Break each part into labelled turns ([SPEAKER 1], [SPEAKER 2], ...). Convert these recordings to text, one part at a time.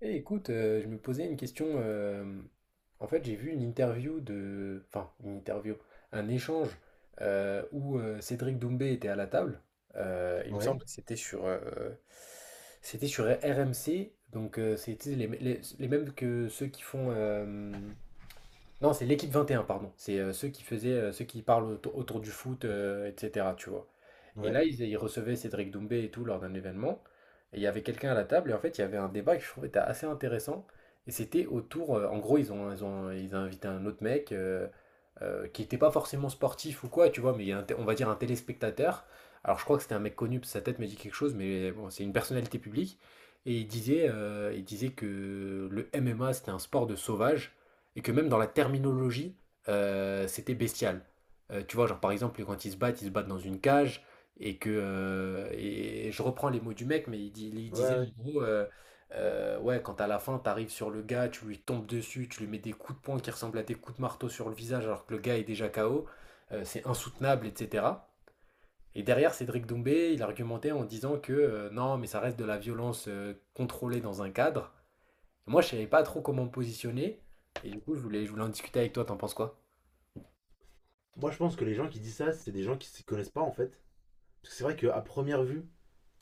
[SPEAKER 1] Eh, écoute, je me posais une question. En fait, j'ai vu une interview de, enfin, une interview, un échange où Cédric Doumbé était à la table. Il me
[SPEAKER 2] Ouais,
[SPEAKER 1] semble que c'était sur RMC. Donc, c'était les mêmes que ceux qui font. Non, c'est l'équipe 21, pardon. C'est ceux qui parlent autour du foot, etc. Tu vois. Et
[SPEAKER 2] ouais,
[SPEAKER 1] là, ils recevaient Cédric Doumbé et tout lors d'un événement. Et il y avait quelqu'un à la table, et en fait, il y avait un débat que je trouvais était assez intéressant. Et c'était autour, en gros, ils ont invité un autre mec qui n'était pas forcément sportif ou quoi, tu vois, mais il y a un on va dire un téléspectateur. Alors, je crois que c'était un mec connu, sa tête me dit quelque chose, mais bon, c'est une personnalité publique. Et il disait que le MMA, c'était un sport de sauvage, et que même dans la terminologie, c'était bestial. Tu vois, genre par exemple, quand ils se battent dans une cage, et je reprends les mots du mec, mais il
[SPEAKER 2] ouais,
[SPEAKER 1] disait
[SPEAKER 2] ouais.
[SPEAKER 1] en gros, ouais, quand à la fin t'arrives sur le gars, tu lui tombes dessus, tu lui mets des coups de poing qui ressemblent à des coups de marteau sur le visage alors que le gars est déjà KO, c'est insoutenable, etc. Et derrière, Cédric Doumbé, il argumentait en disant que non, mais ça reste de la violence contrôlée dans un cadre. Moi, je savais pas trop comment me positionner, et du coup, je voulais en discuter avec toi, t'en penses quoi?
[SPEAKER 2] Moi, je pense que les gens qui disent ça, c'est des gens qui s'y connaissent pas en fait. Parce que c'est vrai qu'à première vue,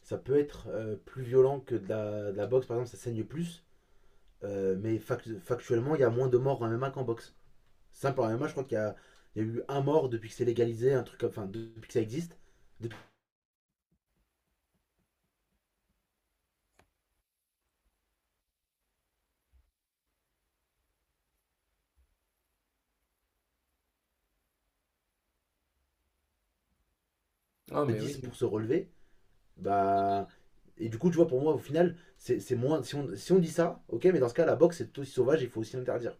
[SPEAKER 2] ça peut être plus violent que de la boxe, par exemple, ça saigne plus. Mais factuellement, il y a moins de morts en MMA qu'en boxe. Simple, en MMA, je crois qu'il y a, il y a eu un mort depuis que c'est légalisé, un truc comme. Enfin, depuis que ça existe. Depuis
[SPEAKER 1] Ah, mais
[SPEAKER 2] dix pour
[SPEAKER 1] oui.
[SPEAKER 2] se relever. Bah. Et du coup, tu vois, pour moi, au final, c'est moins. Si on dit ça, ok, mais dans ce cas, la boxe, c'est tout aussi sauvage, il faut aussi l'interdire.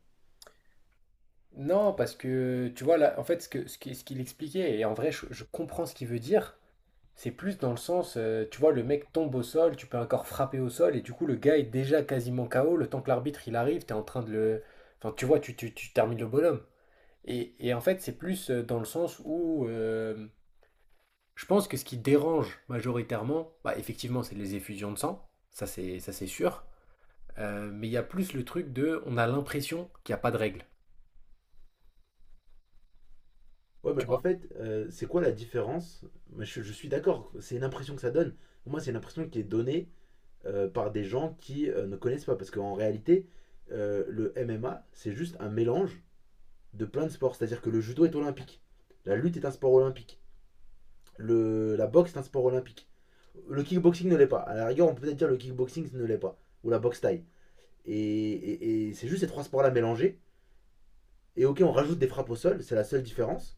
[SPEAKER 1] Non, parce que tu vois là, en fait, ce que, ce qui- ce qu'il expliquait, et en vrai, je comprends ce qu'il veut dire, c'est plus dans le sens, tu vois, le mec tombe au sol, tu peux encore frapper au sol, et du coup, le gars est déjà quasiment KO, le temps que l'arbitre il arrive, t'es en train de le. Enfin, tu vois, tu termines le bonhomme. Et en fait, c'est plus dans le sens où je pense que ce qui dérange majoritairement, bah, effectivement, c'est les effusions de sang, ça c'est sûr. Mais il y a plus le truc de on a l'impression qu'il n'y a pas de règle.
[SPEAKER 2] Ouais, mais en fait, c'est quoi la différence? Moi, je suis d'accord, c'est une impression que ça donne. Pour moi, c'est une impression qui est donnée par des gens qui ne connaissent pas. Parce qu'en réalité, le MMA, c'est juste un mélange de plein de sports. C'est-à-dire que le judo est olympique. La lutte est un sport olympique. La boxe est un sport olympique. Le kickboxing ne l'est pas. À la rigueur, on peut peut-être dire le kickboxing ne l'est pas. Ou la boxe thaï. Et c'est juste ces trois sports-là mélangés. Et ok, on rajoute des frappes au sol, c'est la seule différence.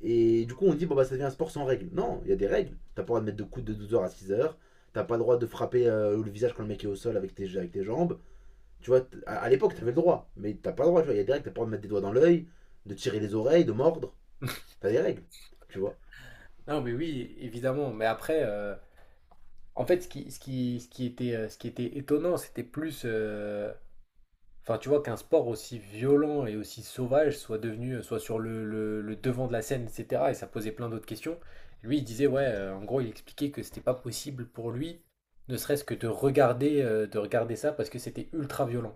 [SPEAKER 2] Et du coup, on dit, bon, bah, ça devient un sport sans règles. Non, il y a des règles. T'as pas le droit de mettre de coups de 12 heures à 6 heures. T'as pas le droit de frapper le visage quand le mec est au sol avec tes jambes. Tu vois, à l'époque, t'avais le droit. Mais t'as pas le droit, tu vois. Il y a des règles. T'as pas le droit de mettre des doigts dans l'œil, de tirer les oreilles, de mordre. T'as des règles, tu vois.
[SPEAKER 1] Non, mais oui, évidemment. Mais après, en fait, ce qui était étonnant, c'était plus. Enfin, tu vois, qu'un sport aussi violent et aussi sauvage soit devenu, soit sur le devant de la scène, etc. Et ça posait plein d'autres questions. Lui, il disait, ouais, en gros, il expliquait que c'était pas possible pour lui, ne serait-ce que de regarder ça parce que c'était ultra violent.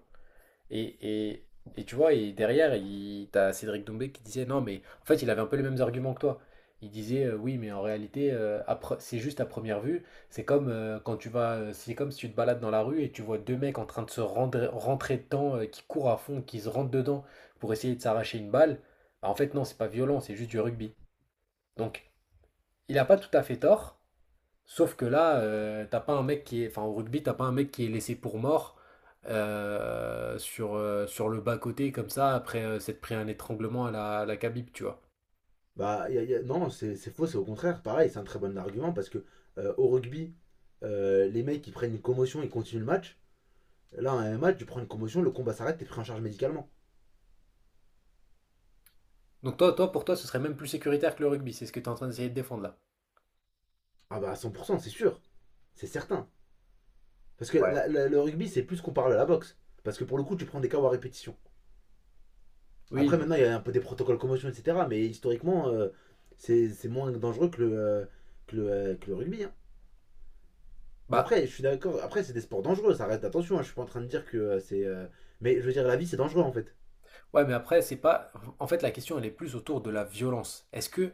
[SPEAKER 1] Et, et, et tu vois, et derrière, t'as Cédric Doumbé qui disait non, mais en fait, il avait un peu les mêmes arguments que toi. Il disait oui, mais en réalité, c'est juste à première vue. C'est comme c'est comme si tu te balades dans la rue et tu vois deux mecs en train de rentrer dedans, qui courent à fond, qui se rentrent dedans pour essayer de s'arracher une balle. Bah, en fait, non, c'est pas violent, c'est juste du rugby. Donc, il n'a pas tout à fait tort, sauf que là, t'as pas un mec qui est, enfin au rugby, t'as pas un mec qui est laissé pour mort sur le bas-côté comme ça après s'être pris un étranglement à la Khabib, tu vois.
[SPEAKER 2] Bah, non, c'est faux, c'est au contraire. Pareil, c'est un très bon argument parce que au rugby, les mecs, ils prennent une commotion, ils continuent le match. Là, en MMA, tu prends une commotion, le combat s'arrête, t'es pris en charge médicalement.
[SPEAKER 1] Donc pour toi, ce serait même plus sécuritaire que le rugby, c'est ce que tu es en train d'essayer de défendre là.
[SPEAKER 2] Ah bah, à 100%, c'est sûr. C'est certain. Parce que
[SPEAKER 1] Ouais.
[SPEAKER 2] le rugby, c'est plus comparable à la boxe. Parce que pour le coup, tu prends des KO à répétition.
[SPEAKER 1] Oui,
[SPEAKER 2] Après,
[SPEAKER 1] non.
[SPEAKER 2] maintenant, il y a un peu des protocoles commotion, etc. Mais historiquement, c'est moins dangereux que le rugby, hein. Mais
[SPEAKER 1] Bah
[SPEAKER 2] après, je suis d'accord. Après, c'est des sports dangereux. Ça reste attention, hein, je suis pas en train de dire que c'est. Mais je veux dire, la vie, c'est dangereux en fait.
[SPEAKER 1] ouais, mais après, c'est pas. En fait, la question, elle est plus autour de la violence.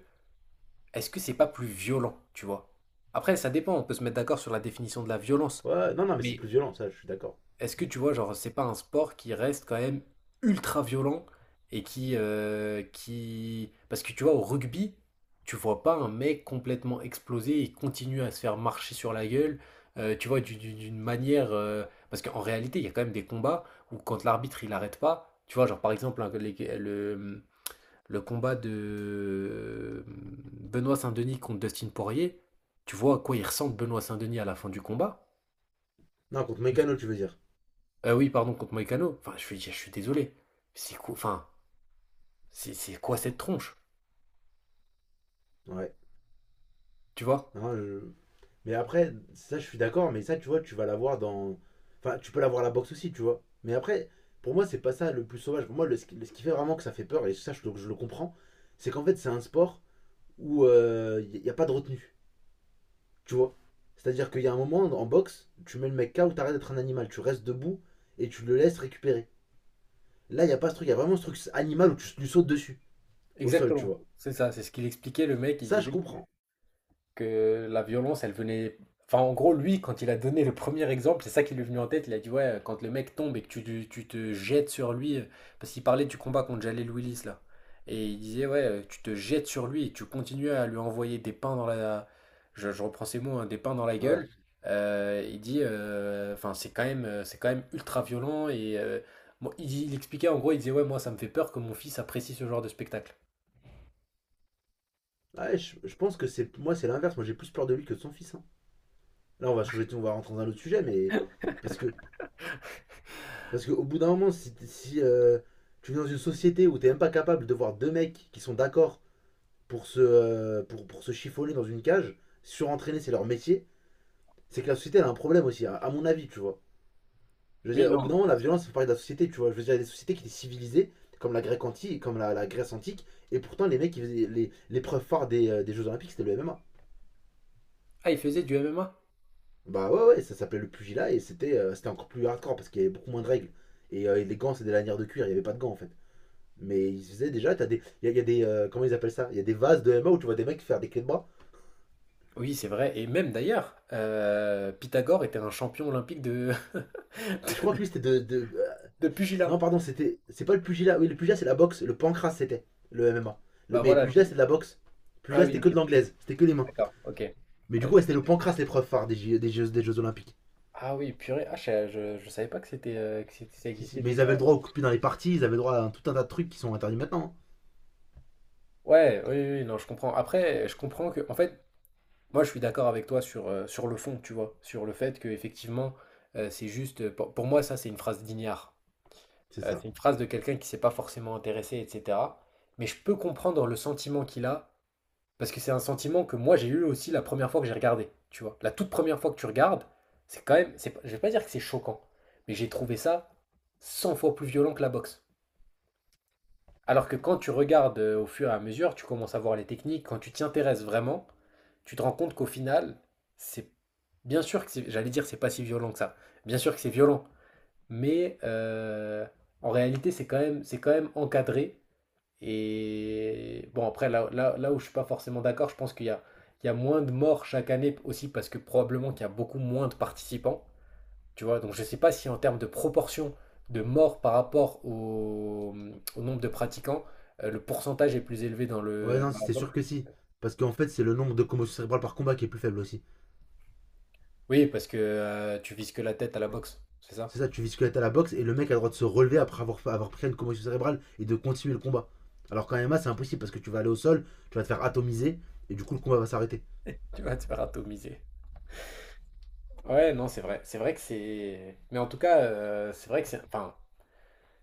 [SPEAKER 1] Est-ce que c'est pas plus violent, tu vois? Après, ça dépend, on peut se mettre d'accord sur la définition de la violence.
[SPEAKER 2] Ouais, non, non, mais c'est plus
[SPEAKER 1] Mais
[SPEAKER 2] violent, ça, je suis d'accord.
[SPEAKER 1] est-ce que tu vois, genre, c'est pas un sport qui reste quand même ultra violent et qui... Parce que tu vois, au rugby, tu vois pas un mec complètement explosé et continue à se faire marcher sur la gueule, tu vois, d'une manière. Parce qu'en réalité, il y a quand même des combats où quand l'arbitre, il arrête pas, tu vois, genre, par exemple, le combat de Benoît Saint-Denis contre Dustin Poirier, tu vois à quoi il ressemble Benoît Saint-Denis à la fin du combat?
[SPEAKER 2] Non, contre Mécano, tu veux dire.
[SPEAKER 1] Ah oui, pardon, contre Moïcano. Enfin, je suis désolé. C'est quoi, enfin, c'est quoi cette tronche,
[SPEAKER 2] Ouais.
[SPEAKER 1] tu vois?
[SPEAKER 2] Non, je- Mais après, ça je suis d'accord, mais ça tu vois, tu vas l'avoir dans. Enfin, tu peux l'avoir à la boxe aussi, tu vois. Mais après, pour moi, c'est pas ça le plus sauvage. Pour moi, ce qui fait vraiment que ça fait peur, et ça je le comprends, c'est qu'en fait, c'est un sport où il n'y a pas de retenue, tu vois. C'est-à-dire qu'il y a un moment en boxe, tu mets le mec KO, t'arrêtes d'être un animal, tu restes debout et tu le laisses récupérer. Là, il n'y a pas ce truc, il y a vraiment ce truc animal où tu lui sautes dessus, au sol, tu
[SPEAKER 1] Exactement.
[SPEAKER 2] vois.
[SPEAKER 1] C'est ça, c'est ce qu'il expliquait, le mec, il
[SPEAKER 2] Ça, je
[SPEAKER 1] disait
[SPEAKER 2] comprends.
[SPEAKER 1] que la violence, elle venait. Enfin, en gros, lui, quand il a donné le premier exemple, c'est ça qui lui est venu en tête. Il a dit, ouais, quand le mec tombe et que tu te jettes sur lui, parce qu'il parlait du combat contre Jalel Willis, là. Et il disait, ouais, tu te jettes sur lui et tu continues à lui envoyer des pains dans la. Je reprends ces mots, hein, des pains dans la
[SPEAKER 2] Ouais.
[SPEAKER 1] gueule. Il dit, enfin, c'est quand même ultra violent. Et bon, il expliquait, en gros, il disait, ouais, moi, ça me fait peur que mon fils apprécie ce genre de spectacle.
[SPEAKER 2] Ouais, je pense que c'est moi, c'est l'inverse. Moi, j'ai plus peur de lui que de son fils, hein. Là, on va changer, on va rentrer dans un autre sujet, mais parce que parce qu'au bout d'un moment, si tu vis dans une société où t'es même pas capable de voir deux mecs qui sont d'accord pour se chiffonner dans une cage, surentraîner, c'est leur métier, c'est que la société elle a un problème aussi, à mon avis, tu vois. Je veux
[SPEAKER 1] Oui,
[SPEAKER 2] dire, au bout
[SPEAKER 1] non.
[SPEAKER 2] d'un moment, la violence fait partie de la société, tu vois. Je veux dire, il y a des sociétés qui étaient civilisées, comme la Grèce antique, comme la Grèce antique, et pourtant les mecs, ils faisaient- les preuves phare des Jeux Olympiques, c'était le MMA.
[SPEAKER 1] Ah, il faisait du MMA?
[SPEAKER 2] Bah ouais, ouais, ça s'appelait le pugilat et c'était c'était encore plus hardcore parce qu'il y avait beaucoup moins de règles. Et les gants, c'est des lanières de cuir, il n'y avait pas de gants en fait. Mais ils faisaient déjà, t'as des. Il y a des. Comment ils appellent ça? Il y a des vases de MMA où tu vois des mecs faire des clés de bras.
[SPEAKER 1] Oui, c'est vrai. Et même d'ailleurs, Pythagore était un champion olympique de,
[SPEAKER 2] Et je
[SPEAKER 1] de,
[SPEAKER 2] crois que lui c'était
[SPEAKER 1] de pugilat.
[SPEAKER 2] C'est pas le pugilat. Oui, le pugilat c'est la boxe. Le pancras c'était le MMA. Le-
[SPEAKER 1] Bah
[SPEAKER 2] mais
[SPEAKER 1] voilà.
[SPEAKER 2] pugilat c'est de la boxe.
[SPEAKER 1] Ah
[SPEAKER 2] Pugilat
[SPEAKER 1] oui,
[SPEAKER 2] c'était que
[SPEAKER 1] ok,
[SPEAKER 2] de l'anglaise. C'était que des mains.
[SPEAKER 1] d'accord, ok.
[SPEAKER 2] Mais
[SPEAKER 1] Ah,
[SPEAKER 2] du coup, ouais, c'était le pancras l'épreuve phare des Jeux Olympiques.
[SPEAKER 1] ah oui, purée. Ah, je savais pas que c'était ça
[SPEAKER 2] Si, si.
[SPEAKER 1] existait
[SPEAKER 2] Mais ils
[SPEAKER 1] déjà.
[SPEAKER 2] avaient le droit au coup de pied dans les parties, ils avaient le droit à tout un tas de trucs qui sont interdits maintenant, hein.
[SPEAKER 1] Ouais, oui, oui, oui, non, je comprends. Après, je comprends que, en fait, moi, je suis d'accord avec toi sur le fond, tu vois, sur le fait que effectivement, c'est juste, pour moi, ça, c'est une phrase d'ignare.
[SPEAKER 2] C'est ça.
[SPEAKER 1] C'est une phrase de quelqu'un qui s'est pas forcément intéressé, etc. Mais je peux comprendre le sentiment qu'il a. Parce que c'est un sentiment que moi j'ai eu aussi la première fois que j'ai regardé, tu vois. La toute première fois que tu regardes, c'est quand même, c'est, je vais pas dire que c'est choquant, mais j'ai trouvé ça 100 fois plus violent que la boxe. Alors que quand tu regardes au fur et à mesure, tu commences à voir les techniques, quand tu t'y intéresses vraiment, tu te rends compte qu'au final, c'est bien sûr que c'est, j'allais dire c'est pas si violent que ça. Bien sûr que c'est violent, mais en réalité c'est quand même encadré et bon, après, là où je suis pas forcément d'accord, je pense qu'il y a moins de morts chaque année aussi parce que probablement qu'il y a beaucoup moins de participants. Tu vois, donc je sais pas si en termes de proportion de morts par rapport au nombre de pratiquants, le pourcentage est plus élevé
[SPEAKER 2] Ouais, non,
[SPEAKER 1] dans
[SPEAKER 2] si,
[SPEAKER 1] la
[SPEAKER 2] c'est
[SPEAKER 1] boxe.
[SPEAKER 2] sûr que si. Parce qu'en fait, c'est le nombre de commotions cérébrales par combat qui est plus faible aussi.
[SPEAKER 1] Oui, parce que tu vises que la tête à la boxe, c'est ça?
[SPEAKER 2] C'est ça, tu vises que la à la boxe et le mec a le droit de se relever après avoir pris une commotion cérébrale et de continuer le combat. Alors qu'en MMA, c'est impossible parce que tu vas aller au sol, tu vas te faire atomiser et du coup, le combat va s'arrêter.
[SPEAKER 1] Tu vas te faire atomiser. Ouais, non, c'est vrai. C'est vrai que c'est. Mais en tout cas, c'est vrai que c'est. Enfin,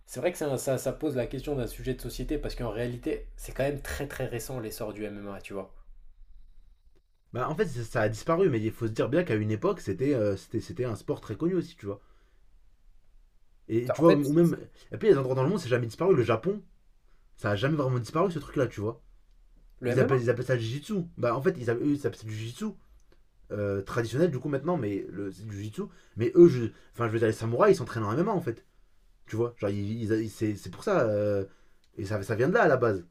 [SPEAKER 1] c'est vrai que ça pose la question d'un sujet de société parce qu'en réalité, c'est quand même très très récent l'essor du MMA, tu vois.
[SPEAKER 2] Bah, en fait, ça a disparu, mais il faut se dire bien qu'à une époque, c'était c'était un sport très connu aussi, tu vois. Et
[SPEAKER 1] Ça.
[SPEAKER 2] tu
[SPEAKER 1] En
[SPEAKER 2] vois,
[SPEAKER 1] fait.
[SPEAKER 2] ou même. Et puis, les endroits dans le monde, c'est jamais disparu. Le Japon, ça a jamais vraiment disparu ce truc-là, tu vois.
[SPEAKER 1] Le
[SPEAKER 2] Ils appellent,
[SPEAKER 1] MMA?
[SPEAKER 2] ils appellent ça le Jiu-Jitsu. Bah, en fait, ils appellent, eux, ils appellent ça du Jiu-Jitsu traditionnel du coup maintenant, mais le c'est du jitsu. Mais eux, enfin, je veux dire, les samouraïs, ils s'entraînent en MMA en fait. Tu vois, genre, c'est pour ça. Et ça vient de là à la base.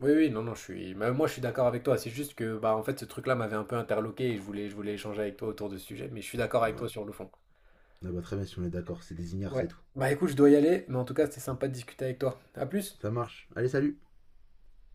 [SPEAKER 1] Oui, oui, non, non, bah, moi je suis d'accord avec toi. C'est juste que, bah, en fait, ce truc-là m'avait un peu interloqué et je voulais échanger avec toi autour de ce sujet, mais je suis d'accord avec toi
[SPEAKER 2] Voilà.
[SPEAKER 1] sur le fond.
[SPEAKER 2] Ah bah, très bien, si on est d'accord, c'est des ignares,
[SPEAKER 1] Ouais.
[SPEAKER 2] c'est tout.
[SPEAKER 1] Bah, écoute, je dois y aller, mais en tout cas, c'était sympa de discuter avec toi. À plus!
[SPEAKER 2] Ça marche. Allez, salut!